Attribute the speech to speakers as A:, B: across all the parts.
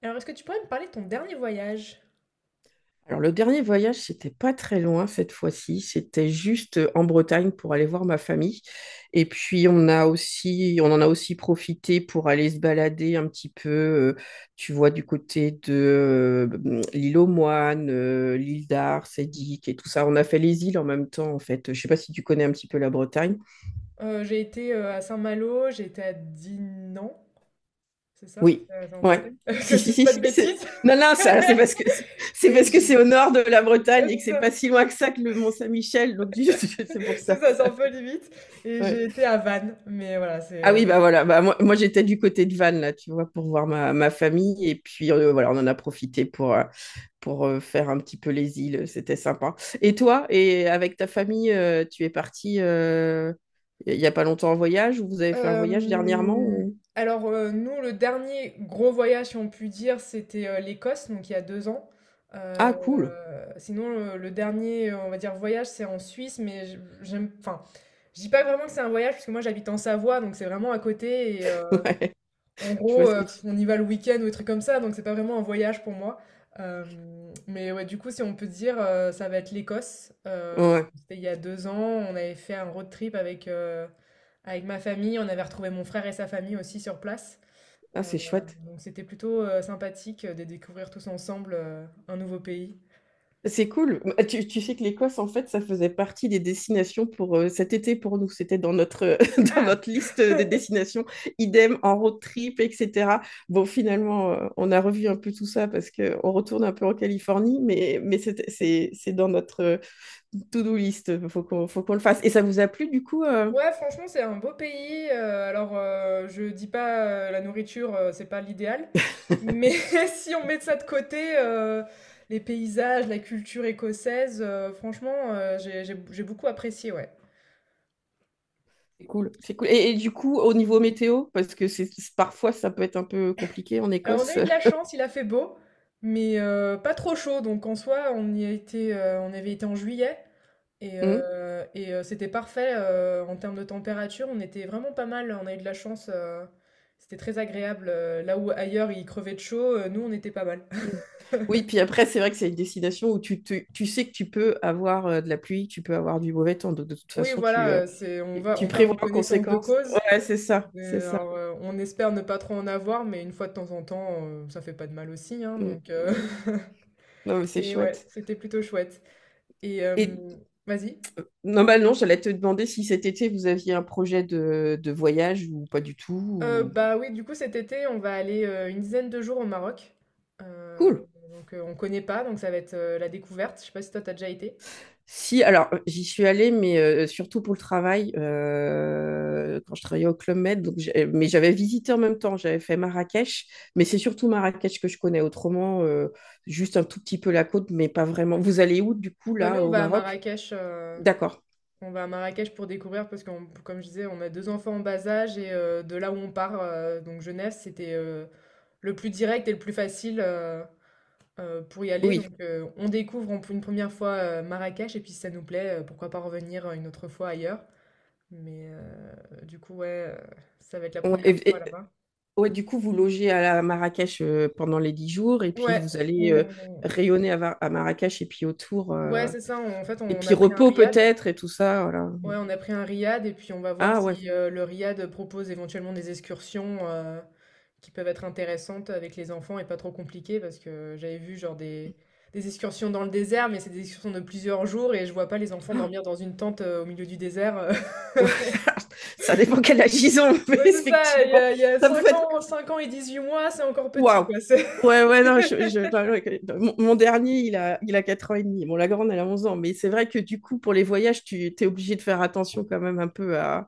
A: Alors, est-ce que tu pourrais me parler de ton dernier voyage?
B: Alors, le dernier voyage, c'était pas très loin cette fois-ci. C'était juste en Bretagne pour aller voir ma famille. Et puis, on en a aussi profité pour aller se balader un petit peu, tu vois, du côté de l'île aux Moines, l'île d'Ars, Sédic et tout ça. On a fait les îles en même temps, en fait. Je sais pas si tu connais un petit peu la Bretagne.
A: J'ai été à Saint-Malo, j'ai été à Dinan, c'est ça?
B: Oui,
A: C'est en
B: ouais.
A: Bretagne? Que
B: Si,
A: je
B: si,
A: dise
B: si,
A: pas de
B: si,
A: bêtises.
B: Non, non, ça, c'est parce que
A: Et je-
B: c'est au nord de la Bretagne
A: ouais,
B: et que
A: c'est
B: c'est
A: ça,
B: pas si loin que ça que le Mont-Saint-Michel, donc c'est pour
A: c'est
B: ça.
A: ça, c'est un peu limite. Et j'ai
B: Ouais.
A: été à Vannes, mais voilà,
B: Ah oui, bah voilà, bah moi, j'étais du côté de Vannes, là, tu vois, pour voir ma famille. Et puis voilà, on en a profité pour, faire un petit peu les îles, c'était sympa. Et toi, et avec ta famille, tu es parti il n'y a pas longtemps en voyage ou vous avez fait un voyage dernièrement
A: Hem, alors, nous, le dernier gros voyage, si on peut dire, c'était, l'Écosse, donc il y a 2 ans.
B: Ah
A: Heu,
B: cool,
A: Sinon, le dernier, on va dire, voyage, c'est en Suisse, mais je j'aime, enfin, je dis pas vraiment que c'est un voyage, parce que moi, j'habite en Savoie, donc c'est vraiment à côté.
B: ouais,
A: En
B: je
A: gros,
B: vois ce que tu.
A: on y va le week-end ou des trucs comme ça, donc c'est pas vraiment un voyage pour moi. Mais ouais, du coup, si on peut dire, ça va être l'Écosse.
B: Ouais,
A: C'était il y a 2 ans, on avait fait un road trip avec ma famille. On avait retrouvé mon frère et sa famille aussi sur place.
B: ah,
A: Heu,
B: c'est chouette.
A: donc c'était plutôt, sympathique, de découvrir tous ensemble, un nouveau pays.
B: C'est cool. Bah, tu tu sais que l'Écosse, en fait, ça faisait partie des destinations pour cet été pour nous. C'était dans notre, dans notre liste des destinations, idem en road trip, etc. Bon, finalement, on a revu un peu tout ça parce qu'on retourne un peu en Californie, mais, c'est dans notre to-do list. Il faut qu'on le fasse. Et ça vous a plu, du coup
A: Ouais, franchement, c'est un beau pays. Alors, je dis pas, la nourriture, c'est pas l'idéal, mais si on met ça de côté, les paysages, la culture écossaise, franchement, j'ai beaucoup apprécié, ouais.
B: C'est cool. C'est cool. Et, du coup, au niveau météo, parce que parfois, ça peut être un peu compliqué en
A: Alors, on a
B: Écosse.
A: eu de la chance, il a fait beau, mais pas trop chaud. Donc, en soi, on y a été, on avait été en juillet et, euh, et, euh, c'était parfait, en termes de température. On était vraiment pas mal. On a eu de la chance. C'était très agréable. Là où ailleurs il crevait de chaud, nous on était pas mal.
B: Mm. Oui, puis après, c'est vrai que c'est une destination où tu sais que tu peux avoir de la pluie, tu peux avoir du mauvais temps. Donc, de toute
A: Oui,
B: façon, tu,
A: voilà.
B: euh, tu tu
A: On part
B: prévois
A: en
B: en
A: connaissance de
B: conséquence.
A: cause.
B: Ouais, c'est ça, c'est
A: Euh,
B: ça.
A: alors, euh, on espère ne pas trop en avoir, mais une fois de temps en temps, ça fait pas de mal aussi, hein,
B: Mm.
A: donc.
B: Non, mais c'est
A: Mais ouais,
B: chouette.
A: c'était plutôt chouette. Et
B: Et
A: vas-y.
B: normalement, j'allais te demander si cet été, vous aviez un projet de voyage ou pas du tout,
A: Bah, oui, du coup, cet été, on va aller, une dizaine de jours au Maroc. Heu,
B: Cool.
A: donc, on connaît pas, donc ça va être, la découverte. Je sais pas si toi, t'as déjà été?
B: Si, alors j'y suis allée, mais surtout pour le travail, quand je travaillais au Club Med, mais j'avais visité en même temps, j'avais fait Marrakech, mais c'est surtout Marrakech que je connais, autrement, juste un tout petit peu la côte, mais pas vraiment. Vous allez où du coup,
A: Bah, nous,
B: là,
A: on
B: au
A: va à
B: Maroc?
A: Marrakech,
B: D'accord,
A: on va à Marrakech pour découvrir, parce que comme je disais, on a 2 enfants en bas âge et de là où on part, donc Genève, c'était, le plus direct et le plus facile, pour y aller.
B: oui.
A: Donc, on découvre en une première fois, Marrakech, et puis si ça nous plaît, pourquoi pas revenir, une autre fois ailleurs. Mais du coup, ouais, ça va être la
B: Ouais,
A: première fois là-bas.
B: ouais, du coup, vous logez à la à Marrakech pendant les 10 jours, et puis
A: Ouais,
B: vous allez
A: on-
B: rayonner à, à Marrakech, et puis autour,
A: ouais, c'est ça. En fait,
B: et
A: on
B: puis
A: a pris un
B: repos
A: riad.
B: peut-être, et tout ça, voilà.
A: Ouais, on a pris un riad et puis on va voir
B: Ah ouais,
A: si le riad propose éventuellement des excursions qui peuvent être intéressantes avec les enfants et pas trop compliquées, parce que j'avais vu genre des excursions dans le désert, mais c'est des excursions de plusieurs jours et je vois pas les enfants dormir dans une tente au milieu du désert.
B: Ça dépend quel âge ils ont, mais
A: Ouais, c'est ça. Il y
B: effectivement,
A: a, il y a
B: ça peut
A: 5
B: être
A: ans, 5 ans et 18 mois, c'est encore petit,
B: waouh.
A: quoi.
B: Ouais, ouais, non, non, mon dernier, il a 4 ans et demi. Bon, la grande, elle a 11 ans, mais c'est vrai que du coup, pour les voyages, tu es obligé de faire attention quand même un peu à,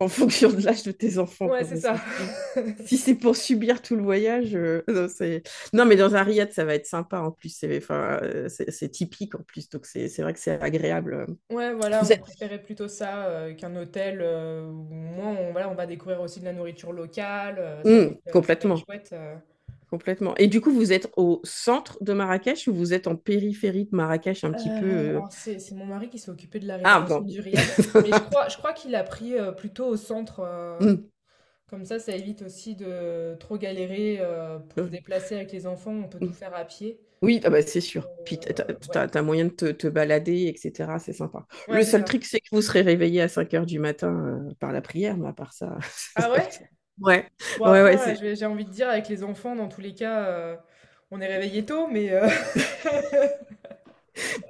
B: en fonction de l'âge de tes enfants,
A: Ouais,
B: quoi,
A: c'est
B: parce que
A: ça.
B: sinon, si c'est pour subir tout le voyage, non, c'est. Non, mais dans un riad, ça va être sympa en plus, c'est enfin, c'est typique en plus, donc c'est vrai que c'est agréable.
A: Ouais, voilà,
B: Vous
A: on
B: êtes.
A: préférait plutôt ça, qu'un hôtel, où au moins on, voilà, on va découvrir aussi de la nourriture locale, ça va être, heu, ça va être
B: Complètement.
A: chouette.
B: Complètement. Et du coup, vous êtes au centre de Marrakech ou vous êtes en périphérie de Marrakech un
A: Heu,
B: petit peu,
A: alors, c'est mon mari qui s'est occupé de la
B: Ah
A: réservation
B: bon.
A: du riad, mais je crois je crois qu'il a pris, plutôt au centre,
B: Mm,
A: comme ça évite aussi de trop galérer, pour se
B: mm,
A: déplacer avec les enfants, on peut
B: mm.
A: tout faire à pied.
B: Oui, ah bah, c'est sûr. Puis
A: Ouais.
B: t'as moyen de te balader, etc. C'est sympa.
A: Ouais,
B: Le
A: c'est
B: seul
A: ça.
B: truc, c'est que vous serez réveillé à 5 h du matin par la prière, mais à part ça.
A: Ah ouais?
B: Ouais,
A: Bon,
B: ouais,
A: après,
B: ouais, c'est
A: je vais j'ai envie de dire, avec les enfants dans tous les cas, on est réveillé tôt, mais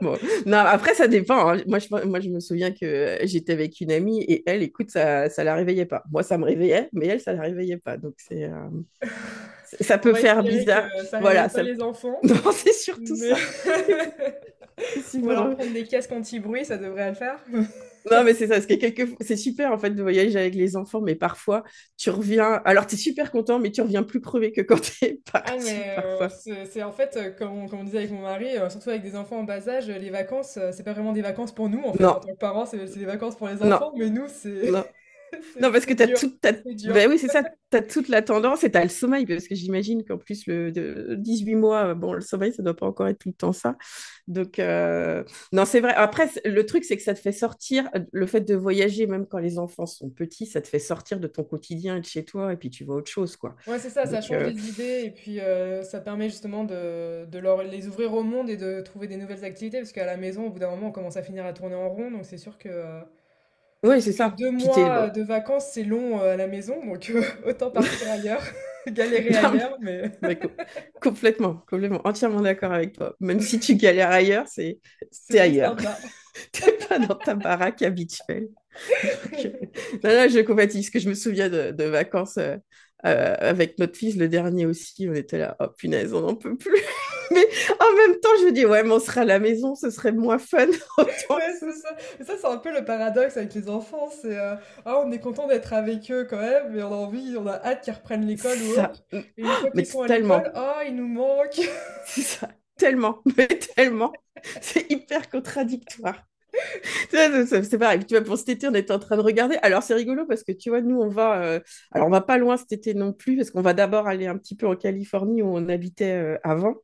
B: bon. Non, après, ça dépend, hein. Moi, je me souviens que j'étais avec une amie et elle, écoute, ça la réveillait pas. Moi, ça me réveillait, mais elle, ça la réveillait pas. Donc, c'est, ça
A: On
B: peut
A: va
B: faire
A: espérer que
B: bizarre.
A: ça réveille
B: Voilà,
A: pas
B: ça.
A: les enfants,
B: non, c'est surtout
A: mais
B: ça. C'est
A: on va leur
B: vrai.
A: prendre des casques anti-bruit, ça devrait le faire.
B: Non, mais c'est ça, parce que quelques, c'est super en fait de voyager avec les enfants, mais parfois tu reviens. Alors, tu es super content, mais tu reviens plus crevé que quand tu es
A: Ah,
B: parti
A: mais
B: parfois.
A: c'est en fait, comme on disait avec mon mari, surtout avec des enfants en bas âge, les vacances, c'est pas vraiment des vacances pour nous en fait. En
B: Non,
A: tant que parents, c'est des vacances pour les
B: non,
A: enfants, mais nous, c'est
B: non.
A: c'est
B: Non, parce
A: c'est
B: que tu as
A: dur,
B: tout. As.
A: c'est
B: Ben
A: dur.
B: oui, c'est ça, t'as toute la tendance et t'as le sommeil, parce que j'imagine qu'en plus, le de 18 mois, bon, le sommeil, ça doit pas encore être tout le temps ça. Donc, non, c'est vrai. Après, le truc, c'est que ça te fait sortir, le fait de voyager, même quand les enfants sont petits, ça te fait sortir de ton quotidien et de chez toi, et puis tu vois autre chose, quoi.
A: Ouais, c'est ça, ça
B: Donc,
A: change les idées et puis ça permet justement de les ouvrir au monde et de trouver des nouvelles activités, parce qu'à la maison, au bout d'un moment, on commence à finir à tourner en rond, donc c'est sûr que... euh,
B: ouais, c'est
A: que
B: ça.
A: deux
B: Bah,
A: mois de vacances, c'est long, à la maison, donc autant partir ailleurs, galérer
B: non,
A: ailleurs, mais
B: mais complètement, complètement, entièrement d'accord avec toi. Même si tu galères ailleurs, c'est
A: c'est
B: t'es
A: plus
B: ailleurs.
A: sympa.
B: T'es pas dans ta baraque habituelle. Donc, non, non, je compatis, parce que je me souviens de vacances avec notre fils, le dernier aussi, on était là, oh punaise, on n'en peut plus. Mais en même temps, je me dis, ouais, mais on sera à la maison, ce serait moins fun, autant que
A: Ouais,
B: ce
A: c'est ça. Mais ça, c'est un peu le paradoxe avec les enfants, c'est ah, on est content d'être avec eux quand même, mais on a envie, on a hâte qu'ils reprennent l'école ou
B: ça,
A: autre. Et une fois
B: mais
A: qu'ils sont à l'école,
B: tellement,
A: ah, ils nous manquent.
B: c'est ça, tellement, mais tellement. C'est hyper contradictoire. C'est pareil. Tu vois, pour cet été, on était en train de regarder. Alors, c'est rigolo parce que tu vois, nous, on va, Alors, on va pas loin cet été non plus, parce qu'on va d'abord aller un petit peu en Californie où on habitait avant,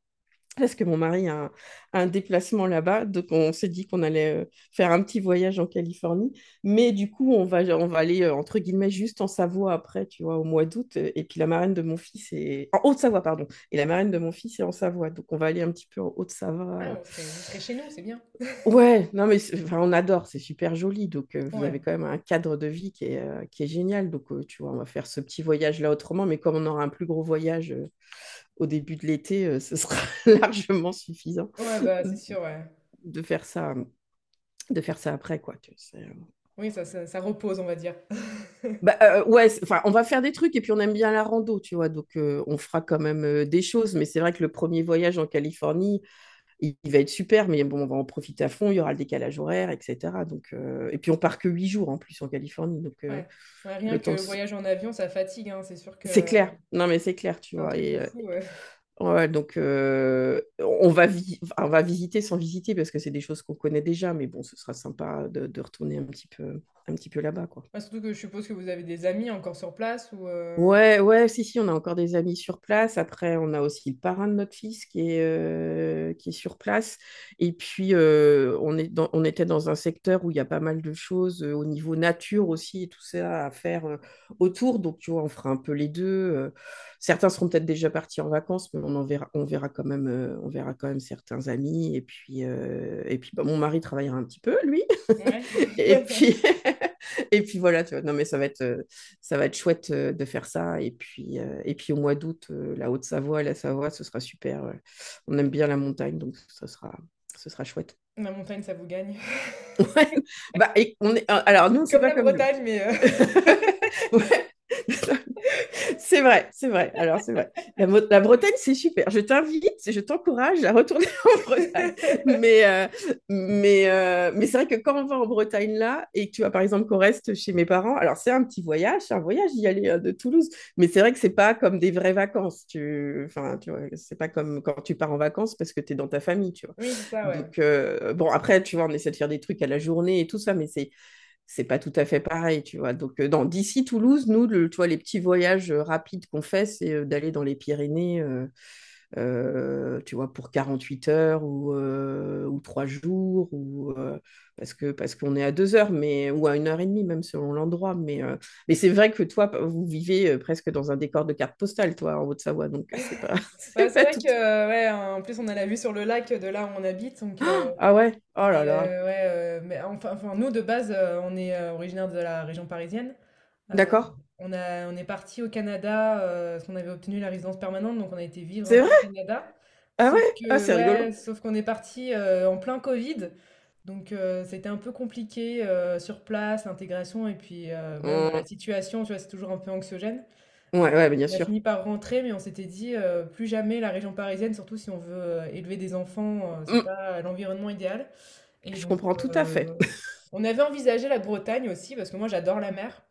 B: parce que mon mari a un déplacement là-bas, donc on s'est dit qu'on allait faire un petit voyage en Californie, mais du coup on va aller entre guillemets juste en Savoie après, tu vois, au mois d'août, et puis la marraine de mon fils est en Haute-Savoie pardon, et la marraine de mon fils est en Savoie, donc on va aller un petit peu en
A: Ah,
B: Haute-Savoie.
A: on serait chez nous, c'est bien.
B: Ouais, non mais enfin, on adore, c'est super joli, donc vous
A: Ouais.
B: avez quand même un cadre de vie qui est génial, donc tu vois, on va faire ce petit voyage là autrement, mais comme on aura un plus gros voyage au début de l'été, ce sera largement suffisant
A: Ouais, bah c'est sûr, ouais.
B: de faire ça de faire ça après quoi tu sais.
A: Oui, ça repose, on va dire.
B: Bah, ouais, enfin on va faire des trucs et puis on aime bien la rando, tu vois, donc on fera quand même des choses, mais c'est vrai que le premier voyage en Californie va être super, mais bon on va en profiter à fond, il y aura le décalage horaire etc, donc et puis on part que 8 jours en plus en Californie, donc
A: Ouais. Ouais, rien
B: le
A: que
B: temps de
A: le
B: se-
A: voyage en avion, ça fatigue, hein, c'est sûr que
B: c'est clair, non mais c'est clair tu
A: c'est un
B: vois,
A: truc de
B: et
A: fou, ouais.
B: ouais, donc enfin, on va visiter sans visiter parce que c'est des choses qu'on connaît déjà, mais bon, ce sera sympa de retourner un petit peu là-bas, quoi.
A: Bah, surtout que je suppose que vous avez des amis encore sur place, ou?
B: Ouais, ouais, si, si, on a encore des amis sur place. Après, on a aussi le parrain de notre fils qui est sur place. Et puis, on était dans un secteur où il y a pas mal de choses au niveau nature aussi et tout ça à faire autour. Donc, tu vois, on fera un peu les deux. Certains seront peut-être déjà partis en vacances, mais on en verra, on verra quand même certains amis. Et puis, bah, mon mari travaillera un petit peu, lui.
A: Ouais.
B: Et puis, et puis voilà, tu vois. Non, mais ça va être, ça va être chouette de faire ça. Et puis au mois d'août, la Haute-Savoie, la Savoie, ce sera super. On aime bien la montagne, donc ça sera, ce sera chouette.
A: La montagne, ça vous gagne.
B: Ouais. Bah, et on est, alors, nous, c'est
A: Comme
B: pas
A: la
B: comme vous.
A: Bretagne, mais
B: Ouais. C'est vrai, c'est vrai. Alors, c'est vrai. La Bretagne, c'est super. Je t'invite, je t'encourage à retourner en Bretagne. Mais, mais c'est vrai que quand on va en Bretagne là, et que tu vois par exemple qu'on reste chez mes parents, alors c'est un petit voyage, c'est un voyage d'y aller de Toulouse. Mais c'est vrai que c'est pas comme des vraies vacances. Tu. Enfin, tu vois, c'est pas comme quand tu pars en vacances parce que tu es dans ta famille, tu vois.
A: oui, c'est ça, ouais.
B: Donc, bon, après, tu vois, on essaie de faire des trucs à la journée et tout ça, mais c'est pas tout à fait pareil, tu vois. Donc, dans d'ici Toulouse, nous, tu vois, les petits voyages rapides qu'on fait, c'est d'aller dans les Pyrénées, tu vois, pour 48 heures ou 3 jours, ou, parce que, parce qu'on est à 2 heures, mais, ou à 1 heure et demie, même selon l'endroit. Mais c'est vrai que toi, vous vivez presque dans un décor de carte postale, toi, en Haute-Savoie, donc c'est pas, c'est
A: Bah, c'est
B: pas
A: vrai
B: tout.
A: que, ouais, en plus, on a la vue sur le lac de là où on habite, donc
B: Ah ouais, oh
A: mais
B: là là,
A: heu, ouais, mais enfin, nous, de base, on est, originaires de la région parisienne. Euh,
B: d'accord,
A: on est parti au Canada, parce qu'on avait obtenu la résidence permanente, donc on a été vivre un
B: c'est
A: peu au
B: vrai,
A: Canada.
B: ah ouais,
A: Sauf
B: ah,
A: que,
B: c'est
A: ouais,
B: rigolo.
A: sauf qu'on est parti en plein Covid, donc c'était un peu compliqué, sur place, l'intégration. Et puis même la
B: Hum,
A: situation, tu vois, c'est toujours un peu anxiogène.
B: ouais,
A: Donc,
B: ouais, bien
A: on a
B: sûr.
A: fini par rentrer, mais on s'était dit, plus jamais la région parisienne, surtout si on veut élever des enfants, c'est
B: Hum.
A: pas l'environnement idéal. Et
B: Je
A: donc,
B: comprends tout à fait.
A: on avait envisagé la Bretagne aussi, parce que moi j'adore la mer.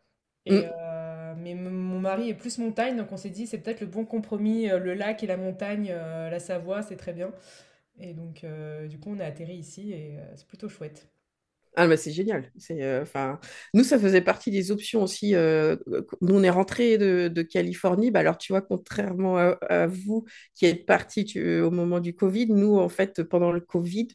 A: Et
B: Mmh.
A: mais mon mari est plus montagne, donc on s'est dit, c'est peut-être le bon compromis, le lac et la montagne, la Savoie, c'est très bien. Et donc, du coup, on a atterri ici et c'est plutôt chouette.
B: Ah, mais c'est génial. C'est, enfin, nous, ça faisait partie des options aussi, nous, on est rentrés de Californie. Bah, alors, tu vois, contrairement à vous qui êtes partis au moment du Covid, nous, en fait, pendant le Covid,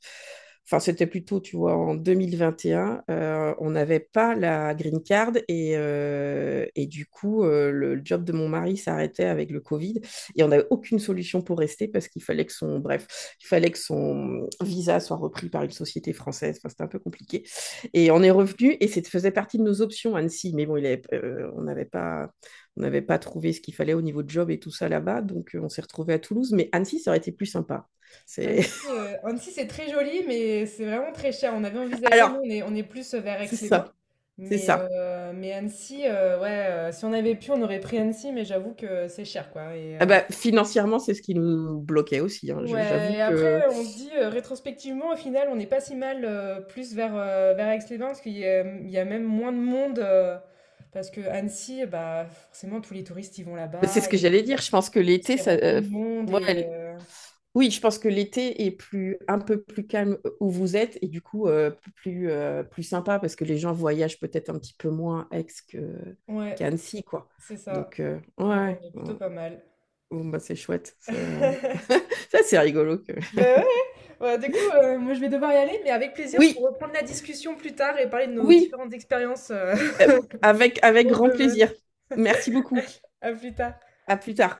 B: enfin, c'était plutôt, tu vois, en 2021, on n'avait pas la green card et du coup, le job de mon mari s'arrêtait avec le Covid et on n'avait aucune solution pour rester parce qu'il fallait que son, bref, il fallait que son visa soit repris par une société française. Enfin, c'était un peu compliqué. Et on est revenu et ça faisait partie de nos options, Annecy. Mais bon, on n'avait pas trouvé ce qu'il fallait au niveau de job et tout ça là-bas. Donc, on s'est retrouvé à Toulouse. Mais Annecy, ça aurait été plus sympa. C'est.
A: Annecy, c'est très joli, mais c'est vraiment très cher. On avait envisagé, nous,
B: Alors,
A: on est plus vers
B: c'est ça,
A: Aix-les-Bains.
B: c'est
A: Mais,
B: ça.
A: euh, mais Annecy, ouais, si on avait pu, on aurait pris Annecy, mais j'avoue que c'est cher, quoi.
B: Ah bah, financièrement, c'est ce qui nous bloquait aussi, hein.
A: Ouais,
B: J'avoue
A: et après,
B: que
A: on se dit, rétrospectivement, au final, on n'est pas si mal, plus vers Aix-les-Bains, parce qu'il y a même moins de monde, parce que Annecy, bah, forcément, tous les touristes, ils vont
B: mais c'est
A: là-bas,
B: ce
A: et,
B: que j'allais dire. Je
A: et
B: pense que l'été,
A: c'est
B: ça,
A: rempli de monde,
B: ouais. Oui, je pense que l'été est plus, un peu plus calme où vous êtes et du coup plus, plus sympa parce que les gens voyagent peut-être un petit peu moins à Aix que, qu'à
A: ouais,
B: Annecy, quoi.
A: c'est ça.
B: Donc,
A: Donc, on
B: ouais,
A: est plutôt
B: bon,
A: pas mal.
B: bon, bah, c'est chouette, c'est, ça, c'est rigolo,
A: Bah ouais, ouais, du coup, moi, je vais devoir y aller, mais avec plaisir pour
B: oui,
A: reprendre la discussion plus tard et parler de nos
B: oui,
A: différentes expériences,
B: avec, avec
A: dans ce
B: grand
A: domaine.
B: plaisir. Merci beaucoup.
A: À plus tard.
B: À plus tard.